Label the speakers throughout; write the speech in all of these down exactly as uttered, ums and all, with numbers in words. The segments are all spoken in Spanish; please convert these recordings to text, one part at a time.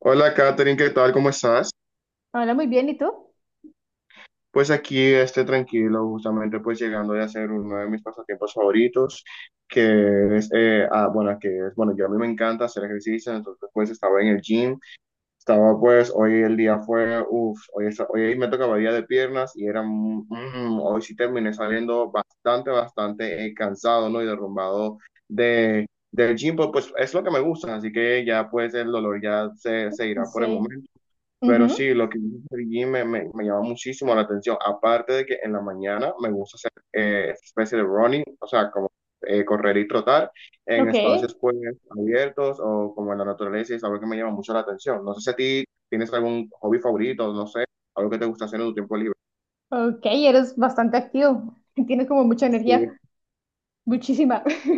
Speaker 1: Hola Katherine, ¿qué tal? ¿Cómo estás?
Speaker 2: Hola, muy bien, ¿y tú?
Speaker 1: Pues aquí esté tranquilo, justamente pues llegando de hacer uno de mis pasatiempos favoritos, que es, eh, ah, bueno, que es, bueno, yo a mí me encanta hacer ejercicio, entonces pues estaba en el gym, estaba pues, hoy el día fue, uff, hoy, esta- hoy me tocaba día de piernas y era, mm, mm, hoy sí terminé saliendo bastante, bastante eh, cansado, ¿no? Y derrumbado de, del gym, pues pues, es lo que me gusta, así que ya pues el dolor ya se, se irá por el
Speaker 2: Sí.
Speaker 1: momento. Pero
Speaker 2: Ujú.
Speaker 1: sí, lo que dices del gym me, me, me llama muchísimo la atención. Aparte de que en la mañana me gusta hacer eh, especie de running, o sea, como eh, correr y trotar en
Speaker 2: Ok,
Speaker 1: espacios pues abiertos o como en la naturaleza y es algo que me llama mucho la atención. No sé si a ti tienes algún hobby favorito, no sé, algo que te gusta hacer en tu tiempo libre.
Speaker 2: ok, eres bastante activo, tienes como mucha
Speaker 1: Sí.
Speaker 2: energía, muchísima.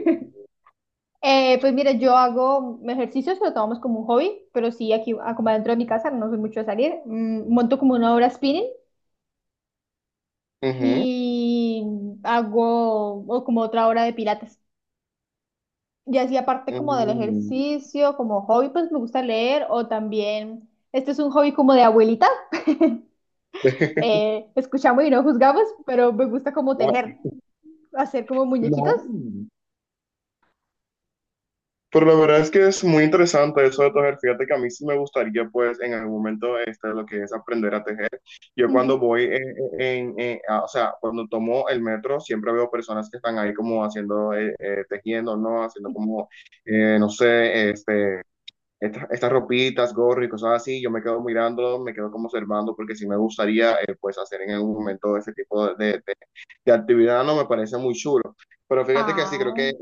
Speaker 2: Eh, pues mira, yo hago ejercicios, lo tomamos como un hobby, pero sí, aquí, ah, como adentro de mi casa, no soy mucho de salir, mm, monto como una hora spinning
Speaker 1: Ujú.
Speaker 2: y hago o como otra hora de pilates. Y así aparte como del
Speaker 1: Mm.
Speaker 2: ejercicio, como hobby, pues me gusta leer o también, este es un hobby como de abuelita, eh, escuchamos y no juzgamos, pero me gusta como
Speaker 1: No,
Speaker 2: tejer, hacer como muñequitos.
Speaker 1: no. Pero la verdad es que es muy interesante eso de tejer. Fíjate que a mí sí me gustaría, pues, en algún momento, este, lo que es aprender a tejer. Yo cuando
Speaker 2: Ujú.
Speaker 1: voy, eh, en, en- a- o sea, cuando tomo el metro, siempre veo personas que están ahí como haciendo, eh, eh, tejiendo, ¿no? Haciendo como, eh, no sé, este estas, estas ropitas, gorro y cosas así, yo me quedo mirando, me quedo como observando, porque sí me gustaría eh, pues hacer en algún momento ese tipo de, de, de actividad, no me parece muy chulo. Pero fíjate que sí, creo
Speaker 2: Ah,
Speaker 1: que eh,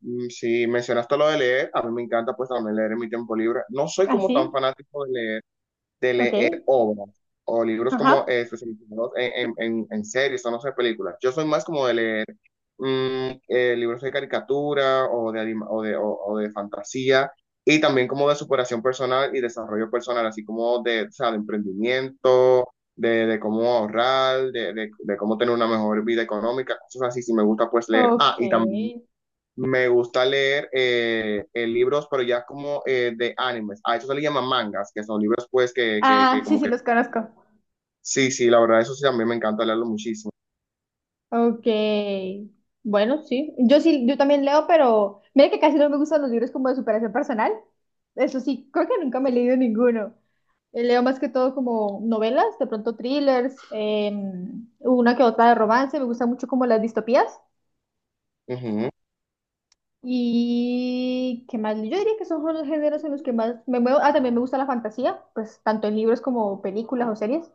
Speaker 1: mm, si mencionaste lo de leer, a mí me encanta pues también leer en mi tiempo libre. No soy como tan
Speaker 2: así,
Speaker 1: fanático de leer de leer
Speaker 2: ok.
Speaker 1: obras o libros
Speaker 2: Ajá,
Speaker 1: como eh, especializados en, en, en- en series o no sé, películas. Yo soy más como de leer mm, eh, libros de caricatura o de, anima- o de, o- o de fantasía y también como de superación personal y desarrollo personal, así como de, o sea, de emprendimiento, de, de cómo ahorrar, de, de- de cómo tener una mejor vida económica, cosas así, si me gusta pues leer. Ah,
Speaker 2: ok.
Speaker 1: y también me gusta leer eh, eh, libros, pero ya como eh, de animes. A eso se le llama mangas, que son libros pues que, que,
Speaker 2: Ah,
Speaker 1: que
Speaker 2: sí,
Speaker 1: como
Speaker 2: sí,
Speaker 1: que...
Speaker 2: los conozco.
Speaker 1: Sí, sí, la verdad, eso sí, a mí me encanta leerlo muchísimo.
Speaker 2: Ok. Bueno, sí, yo sí, yo también leo, pero mira que casi no me gustan los libros como de superación personal. Eso sí, creo que nunca me he leído ninguno. Eh, Leo más que todo como novelas, de pronto thrillers, em, una que otra de romance. Me gustan mucho como las distopías.
Speaker 1: Ujú.
Speaker 2: Y qué más, yo diría que esos son los géneros en los que más me muevo. Ah, también me gusta la fantasía, pues tanto en libros como películas o series.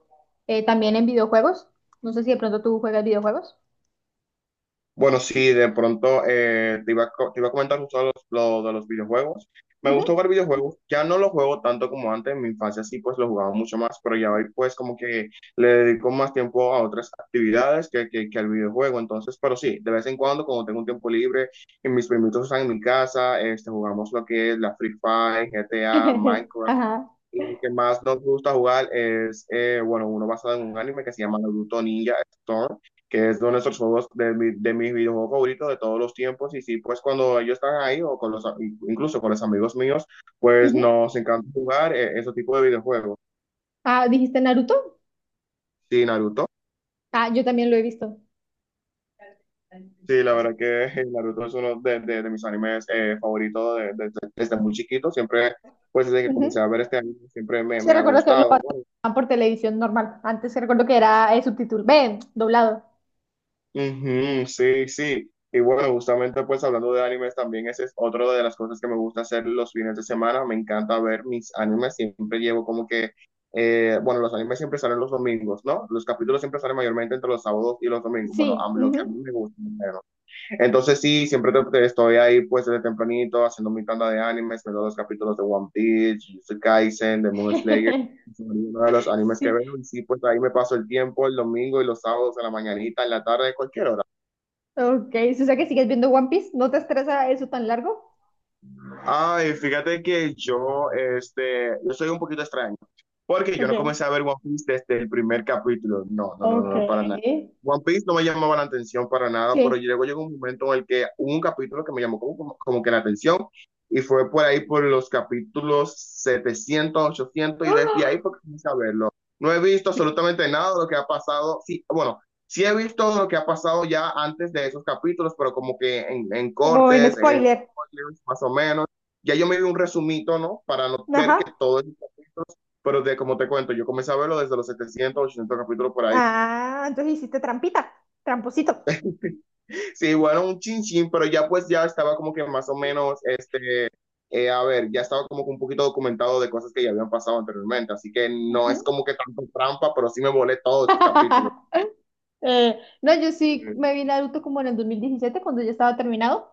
Speaker 2: Eh, también en videojuegos. No sé si de pronto tú juegas videojuegos.
Speaker 1: Bueno, sí, de pronto eh, te iba a, co- te iba a comentar justo lo, lo de los videojuegos. Me gusta
Speaker 2: Ujú.
Speaker 1: jugar videojuegos, ya no los juego tanto como antes, en mi infancia sí pues los jugaba mucho más, pero ya hoy pues como que le dedico más tiempo a otras actividades que, que, que al videojuego, entonces, pero sí, de vez en cuando cuando tengo un tiempo libre y mis primitos están en mi casa, este, jugamos lo que es la Free Fire, G T A, Minecraft.
Speaker 2: Ajá.
Speaker 1: Y lo que más nos gusta jugar es, eh, bueno, uno basado en un anime que se llama Naruto Ninja Storm, que es uno de nuestros juegos de, mi- de mis videojuegos favoritos de todos los tiempos. Y sí, pues cuando ellos están ahí o con los, a- incluso con los amigos míos, pues
Speaker 2: Ujú.
Speaker 1: nos encanta jugar eh, ese tipo de videojuegos.
Speaker 2: Ah, ¿dijiste Naruto?
Speaker 1: Sí, Naruto.
Speaker 2: Ah, yo también lo he visto.
Speaker 1: Sí, la verdad que eh, Naruto es uno de, de- de mis animes eh, favoritos de- de- de- desde muy chiquito. Siempre, pues desde que comencé
Speaker 2: Ujú.
Speaker 1: a ver este anime, siempre me,
Speaker 2: Sí,
Speaker 1: me ha
Speaker 2: recuerdo que lo
Speaker 1: gustado. Bueno,
Speaker 2: pasaban por televisión normal. Antes sí recuerdo que era eh, subtítulo, ven, doblado.
Speaker 1: Ujú, sí, sí. Y bueno, justamente pues hablando de animes también, ese es otro de las cosas que me gusta hacer los fines de semana. Me encanta ver mis animes. Siempre llevo como que, eh, bueno, los animes siempre salen los domingos, ¿no? Los capítulos siempre salen mayormente entre los sábados y los domingos. Bueno, a
Speaker 2: Sí.
Speaker 1: lo que a mí
Speaker 2: Ujú.
Speaker 1: me gusta. bueno, entonces sí, siempre te- te estoy ahí pues desde tempranito haciendo mi tanda de animes, viendo los capítulos de One Piece, Jujutsu Kaisen, Demon Slayer, son uno de los animes que
Speaker 2: Sí.
Speaker 1: veo y sí, pues ahí me paso el tiempo el domingo y los sábados en la mañanita, en la tarde, cualquier hora.
Speaker 2: Ok, si o sea que sigues viendo One Piece, ¿no te estresa eso tan largo?
Speaker 1: Ay, fíjate que yo, este, yo soy un poquito extraño, porque yo no
Speaker 2: Ok,
Speaker 1: comencé a ver One Piece desde el primer capítulo. No, no, no,
Speaker 2: ok,
Speaker 1: no, para nada. One Piece no me llamaba la atención para nada, pero
Speaker 2: sí.
Speaker 1: luego llegó un momento en el que hubo un capítulo que me llamó como, como, como que la atención y fue por ahí por los capítulos setecientos, ochocientos y desde ahí
Speaker 2: ¡Ah!
Speaker 1: porque comencé a verlo. No he visto absolutamente nada de lo que ha pasado. Sí, bueno, sí he visto lo que ha pasado ya antes de esos capítulos, pero como que en, en,
Speaker 2: Como en
Speaker 1: cortes, en
Speaker 2: spoiler.
Speaker 1: spoilers, más o menos. Ya yo me vi un resumito, ¿no? Para no ver
Speaker 2: Ajá.
Speaker 1: que todo es... Pero de, como te cuento, yo comencé a verlo desde los setecientos ochocientos capítulos por ahí.
Speaker 2: Ah, entonces hiciste trampita, tramposito.
Speaker 1: Sí, bueno, un chin chin, pero ya pues ya estaba como que más o menos, este, eh, a ver, ya estaba como que un poquito documentado de cosas que ya habían pasado anteriormente. Así que no es
Speaker 2: Ujú.
Speaker 1: como que tanto trampa, pero sí me volé todos esos capítulos.
Speaker 2: Eh, no, yo sí me vi Naruto como en el dos mil diecisiete cuando ya estaba terminado,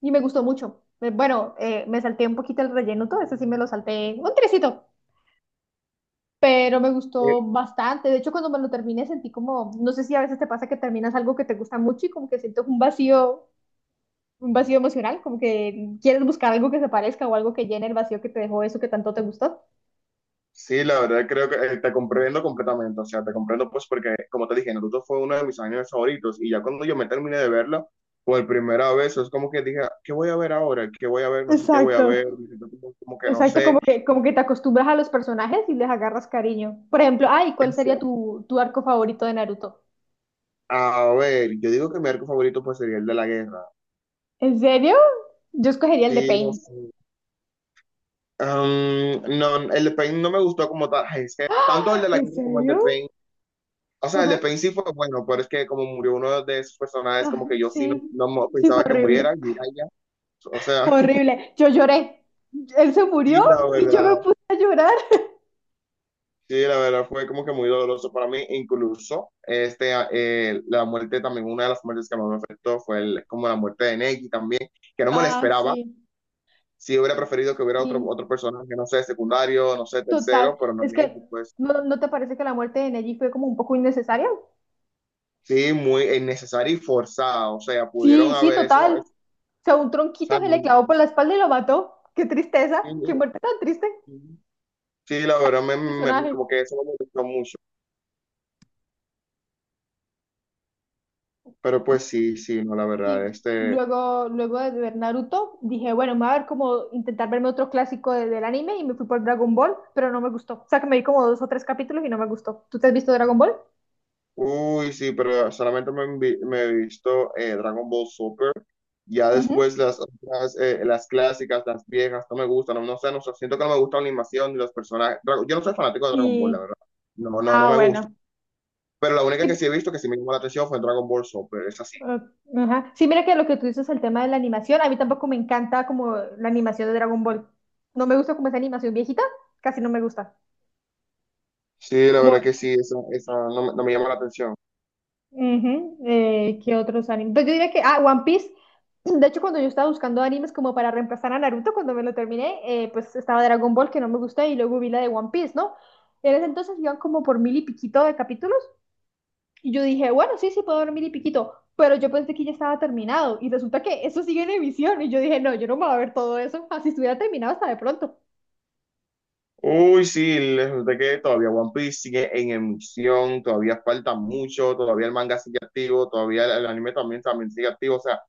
Speaker 2: y me gustó mucho. Eh, Bueno, eh, me salté un poquito el relleno, todo eso sí me lo salté un trecito, pero me gustó
Speaker 1: Eh,
Speaker 2: bastante. De hecho, cuando me lo terminé sentí como, no sé si a veces te pasa que terminas algo que te gusta mucho y como que sientes un vacío un vacío emocional, como que quieres buscar algo que se parezca o algo que llene el vacío que te dejó eso que tanto te gustó.
Speaker 1: Sí, la verdad creo que eh, te comprendo completamente, o sea, te comprendo pues porque, como te dije, Naruto fue uno de mis animes favoritos y ya cuando yo me terminé de verlo, por primera vez, es como que dije, ¿qué voy a ver ahora? ¿Qué voy a ver? No sé qué voy a
Speaker 2: Exacto.
Speaker 1: ver, como como que no
Speaker 2: Exacto, como
Speaker 1: sé.
Speaker 2: que, como que te acostumbras a los personajes y les agarras cariño. Por ejemplo, ay, ¿cuál
Speaker 1: Es-
Speaker 2: sería tu, tu arco favorito de Naruto?
Speaker 1: A ver, yo digo que mi arco favorito pues sería el de la guerra.
Speaker 2: ¿En serio? Yo escogería el de
Speaker 1: Sí, no
Speaker 2: Pain.
Speaker 1: sé. Am, no, el de Pain no me gustó como tal, Ay, es que tanto el de la
Speaker 2: ¿En
Speaker 1: guerra como el de
Speaker 2: serio?
Speaker 1: Pain, o sea, el de
Speaker 2: Ajá.
Speaker 1: Pain sí fue bueno, pero es que como murió uno de esos personajes,
Speaker 2: Ah,
Speaker 1: como que yo sí no,
Speaker 2: sí,
Speaker 1: no mo-
Speaker 2: sí, fue
Speaker 1: pensaba que
Speaker 2: horrible.
Speaker 1: muriera, Jiraiya, o sea...
Speaker 2: Fue horrible. Yo lloré. Él se
Speaker 1: Sí,
Speaker 2: murió
Speaker 1: la
Speaker 2: y yo me
Speaker 1: verdad,
Speaker 2: puse a llorar.
Speaker 1: sí, la verdad fue como que muy doloroso para mí, incluso este, a- eh, la muerte también, una de las muertes que más me afectó fue el- como la muerte de Neki también, que no me la
Speaker 2: Ah,
Speaker 1: esperaba,
Speaker 2: sí.
Speaker 1: sí hubiera preferido que hubiera otro,
Speaker 2: Sí.
Speaker 1: otro personaje, no sé, secundario, no sé,
Speaker 2: Total,
Speaker 1: tercero, pero no
Speaker 2: es que
Speaker 1: Neki, pues
Speaker 2: ¿no, no te parece que la muerte de Neji fue como un poco innecesaria?
Speaker 1: sí, muy innecesario y forzado, o sea, pudieron
Speaker 2: Sí, sí,
Speaker 1: haber eso,
Speaker 2: total.
Speaker 1: es-
Speaker 2: O sea, un
Speaker 1: o
Speaker 2: tronquito
Speaker 1: sea,
Speaker 2: se
Speaker 1: no-
Speaker 2: le clavó por la espalda y lo mató. Qué tristeza,
Speaker 1: sí,
Speaker 2: qué muerte tan triste,
Speaker 1: sí, sí, la verdad, me, me-
Speaker 2: personaje.
Speaker 1: como que eso me molestó mucho, pero pues sí, sí, no, la verdad,
Speaker 2: Sí,
Speaker 1: este...
Speaker 2: luego, luego de ver Naruto, dije, bueno, me voy a ver como intentar verme otro clásico de- del anime y me fui por Dragon Ball, pero no me gustó. O sea, que me vi como dos o tres capítulos y no me gustó. ¿Tú te has visto Dragon Ball?
Speaker 1: Uy, sí, pero solamente me, envi- me he visto eh, Dragon Ball Super. Ya
Speaker 2: Ujú.
Speaker 1: después las otras, eh, las clásicas, las viejas, no me gustan. No, no sé, no sé, siento que no me gusta la animación ni los personajes. Dra- Yo no soy fanático de Dragon Ball, la
Speaker 2: Y,
Speaker 1: verdad. No, no, no
Speaker 2: ah,
Speaker 1: me gusta.
Speaker 2: bueno.
Speaker 1: Pero la única
Speaker 2: Y
Speaker 1: que sí he visto que sí me llamó la atención fue Dragon Ball Super, es así.
Speaker 2: ah, ajá. Sí, mira que lo que tú dices, el tema de la animación, a mí tampoco me encanta como la animación de Dragon Ball. No me gusta como esa animación viejita, casi no me gusta.
Speaker 1: Sí, la
Speaker 2: Como,
Speaker 1: verdad que sí, esa, esa no, me no me llama la atención.
Speaker 2: ujú, eh, ¿qué otros animes? Pues yo diría que, ah, One Piece. De hecho, cuando yo estaba buscando animes como para reemplazar a Naruto, cuando me lo terminé, eh, pues estaba Dragon Ball que no me gusta y luego vi la de One Piece, ¿no? En ese entonces iban como por mil y piquito de capítulos. Y yo dije, bueno, sí, sí, puedo dormir y piquito, pero yo pensé que ya estaba terminado y resulta que eso sigue en emisión y yo dije, no, yo no me voy a ver todo eso, así estuviera terminado hasta de pronto.
Speaker 1: Uy, sí, les resulta que todavía One Piece sigue en emisión, todavía falta mucho, todavía el manga sigue activo, todavía el el anime también, también sigue activo, o sea.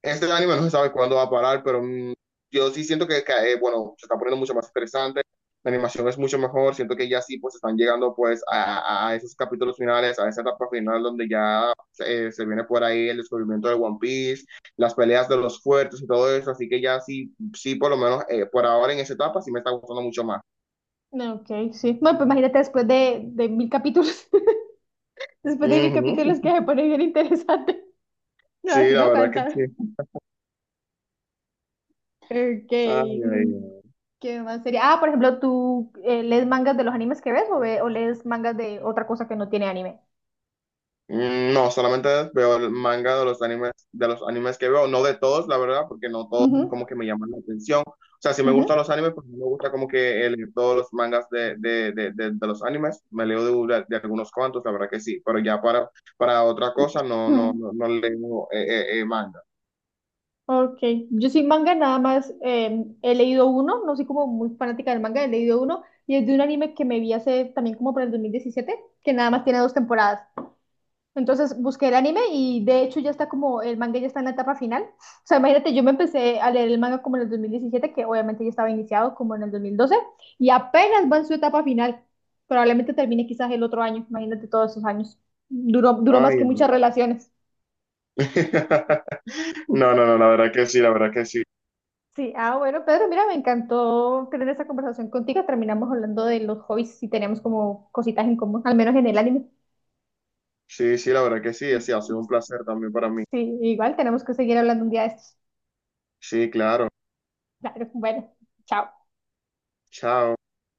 Speaker 1: Este anime no se sabe cuándo va a parar, pero mm, yo sí siento que, que, eh, bueno, se está poniendo mucho más interesante, la animación es mucho mejor, siento que ya sí, pues están llegando pues a, a- a esos capítulos finales, a esa etapa final donde ya eh, se viene por ahí el descubrimiento de One Piece, las peleas de los fuertes y todo eso, así que ya sí, sí, por lo menos eh, por ahora en esa etapa sí me está gustando mucho más.
Speaker 2: No, ok, sí. Bueno, pues imagínate después de, de mil capítulos, después de mil capítulos
Speaker 1: Ujú.
Speaker 2: que se pone bien interesante. No,
Speaker 1: Sí,
Speaker 2: así
Speaker 1: la
Speaker 2: no
Speaker 1: verdad que sí.
Speaker 2: canta. Ok.
Speaker 1: Ay, ay,
Speaker 2: mm,
Speaker 1: ay.
Speaker 2: ¿Qué más sería? Ah, por ejemplo, ¿tú eh, lees mangas de los animes que ves o, ve- o lees mangas de otra cosa que no tiene anime?
Speaker 1: Mm, No, solamente veo el manga de los animes, de los animes que veo, no de todos, la verdad, porque no todos
Speaker 2: Ujú,
Speaker 1: como que me llaman la atención. O sea, si me gustan los animes, pues no me gusta como que eh, leer todos los mangas de, de, de, de, de los animes. Me leo de, una- de algunos cuantos, la verdad que sí, pero ya para, para otra cosa no, no,
Speaker 2: ujú.
Speaker 1: no, no leo eh, eh, eh, manga.
Speaker 2: Ok, yo sí manga nada más eh, he leído uno, no soy como muy fanática del manga, he leído uno y es de un anime que me vi hace también como por el dos mil diecisiete, que nada más tiene dos temporadas. Entonces busqué el anime y de hecho ya está como el manga ya está en la etapa final. O sea, imagínate, yo me empecé a leer el manga como en el dos mil diecisiete, que obviamente ya estaba iniciado como en el dos mil doce y apenas va en su etapa final. Probablemente termine quizás el otro año, imagínate todos esos años. Duró, duró más
Speaker 1: Ay,
Speaker 2: que muchas
Speaker 1: ay,
Speaker 2: relaciones.
Speaker 1: No, no, no, la verdad que sí, la verdad que sí.
Speaker 2: Sí, ah, bueno, Pedro, mira, me encantó tener esa conversación contigo. Terminamos hablando de los hobbies y teníamos como cositas en común, al menos en el anime.
Speaker 1: Sí, sí, la verdad que sí, sí, ha sido un placer también para mí.
Speaker 2: Sí, igual tenemos que seguir hablando un día de estos.
Speaker 1: Sí, claro.
Speaker 2: Claro, bueno, chao.
Speaker 1: Chao.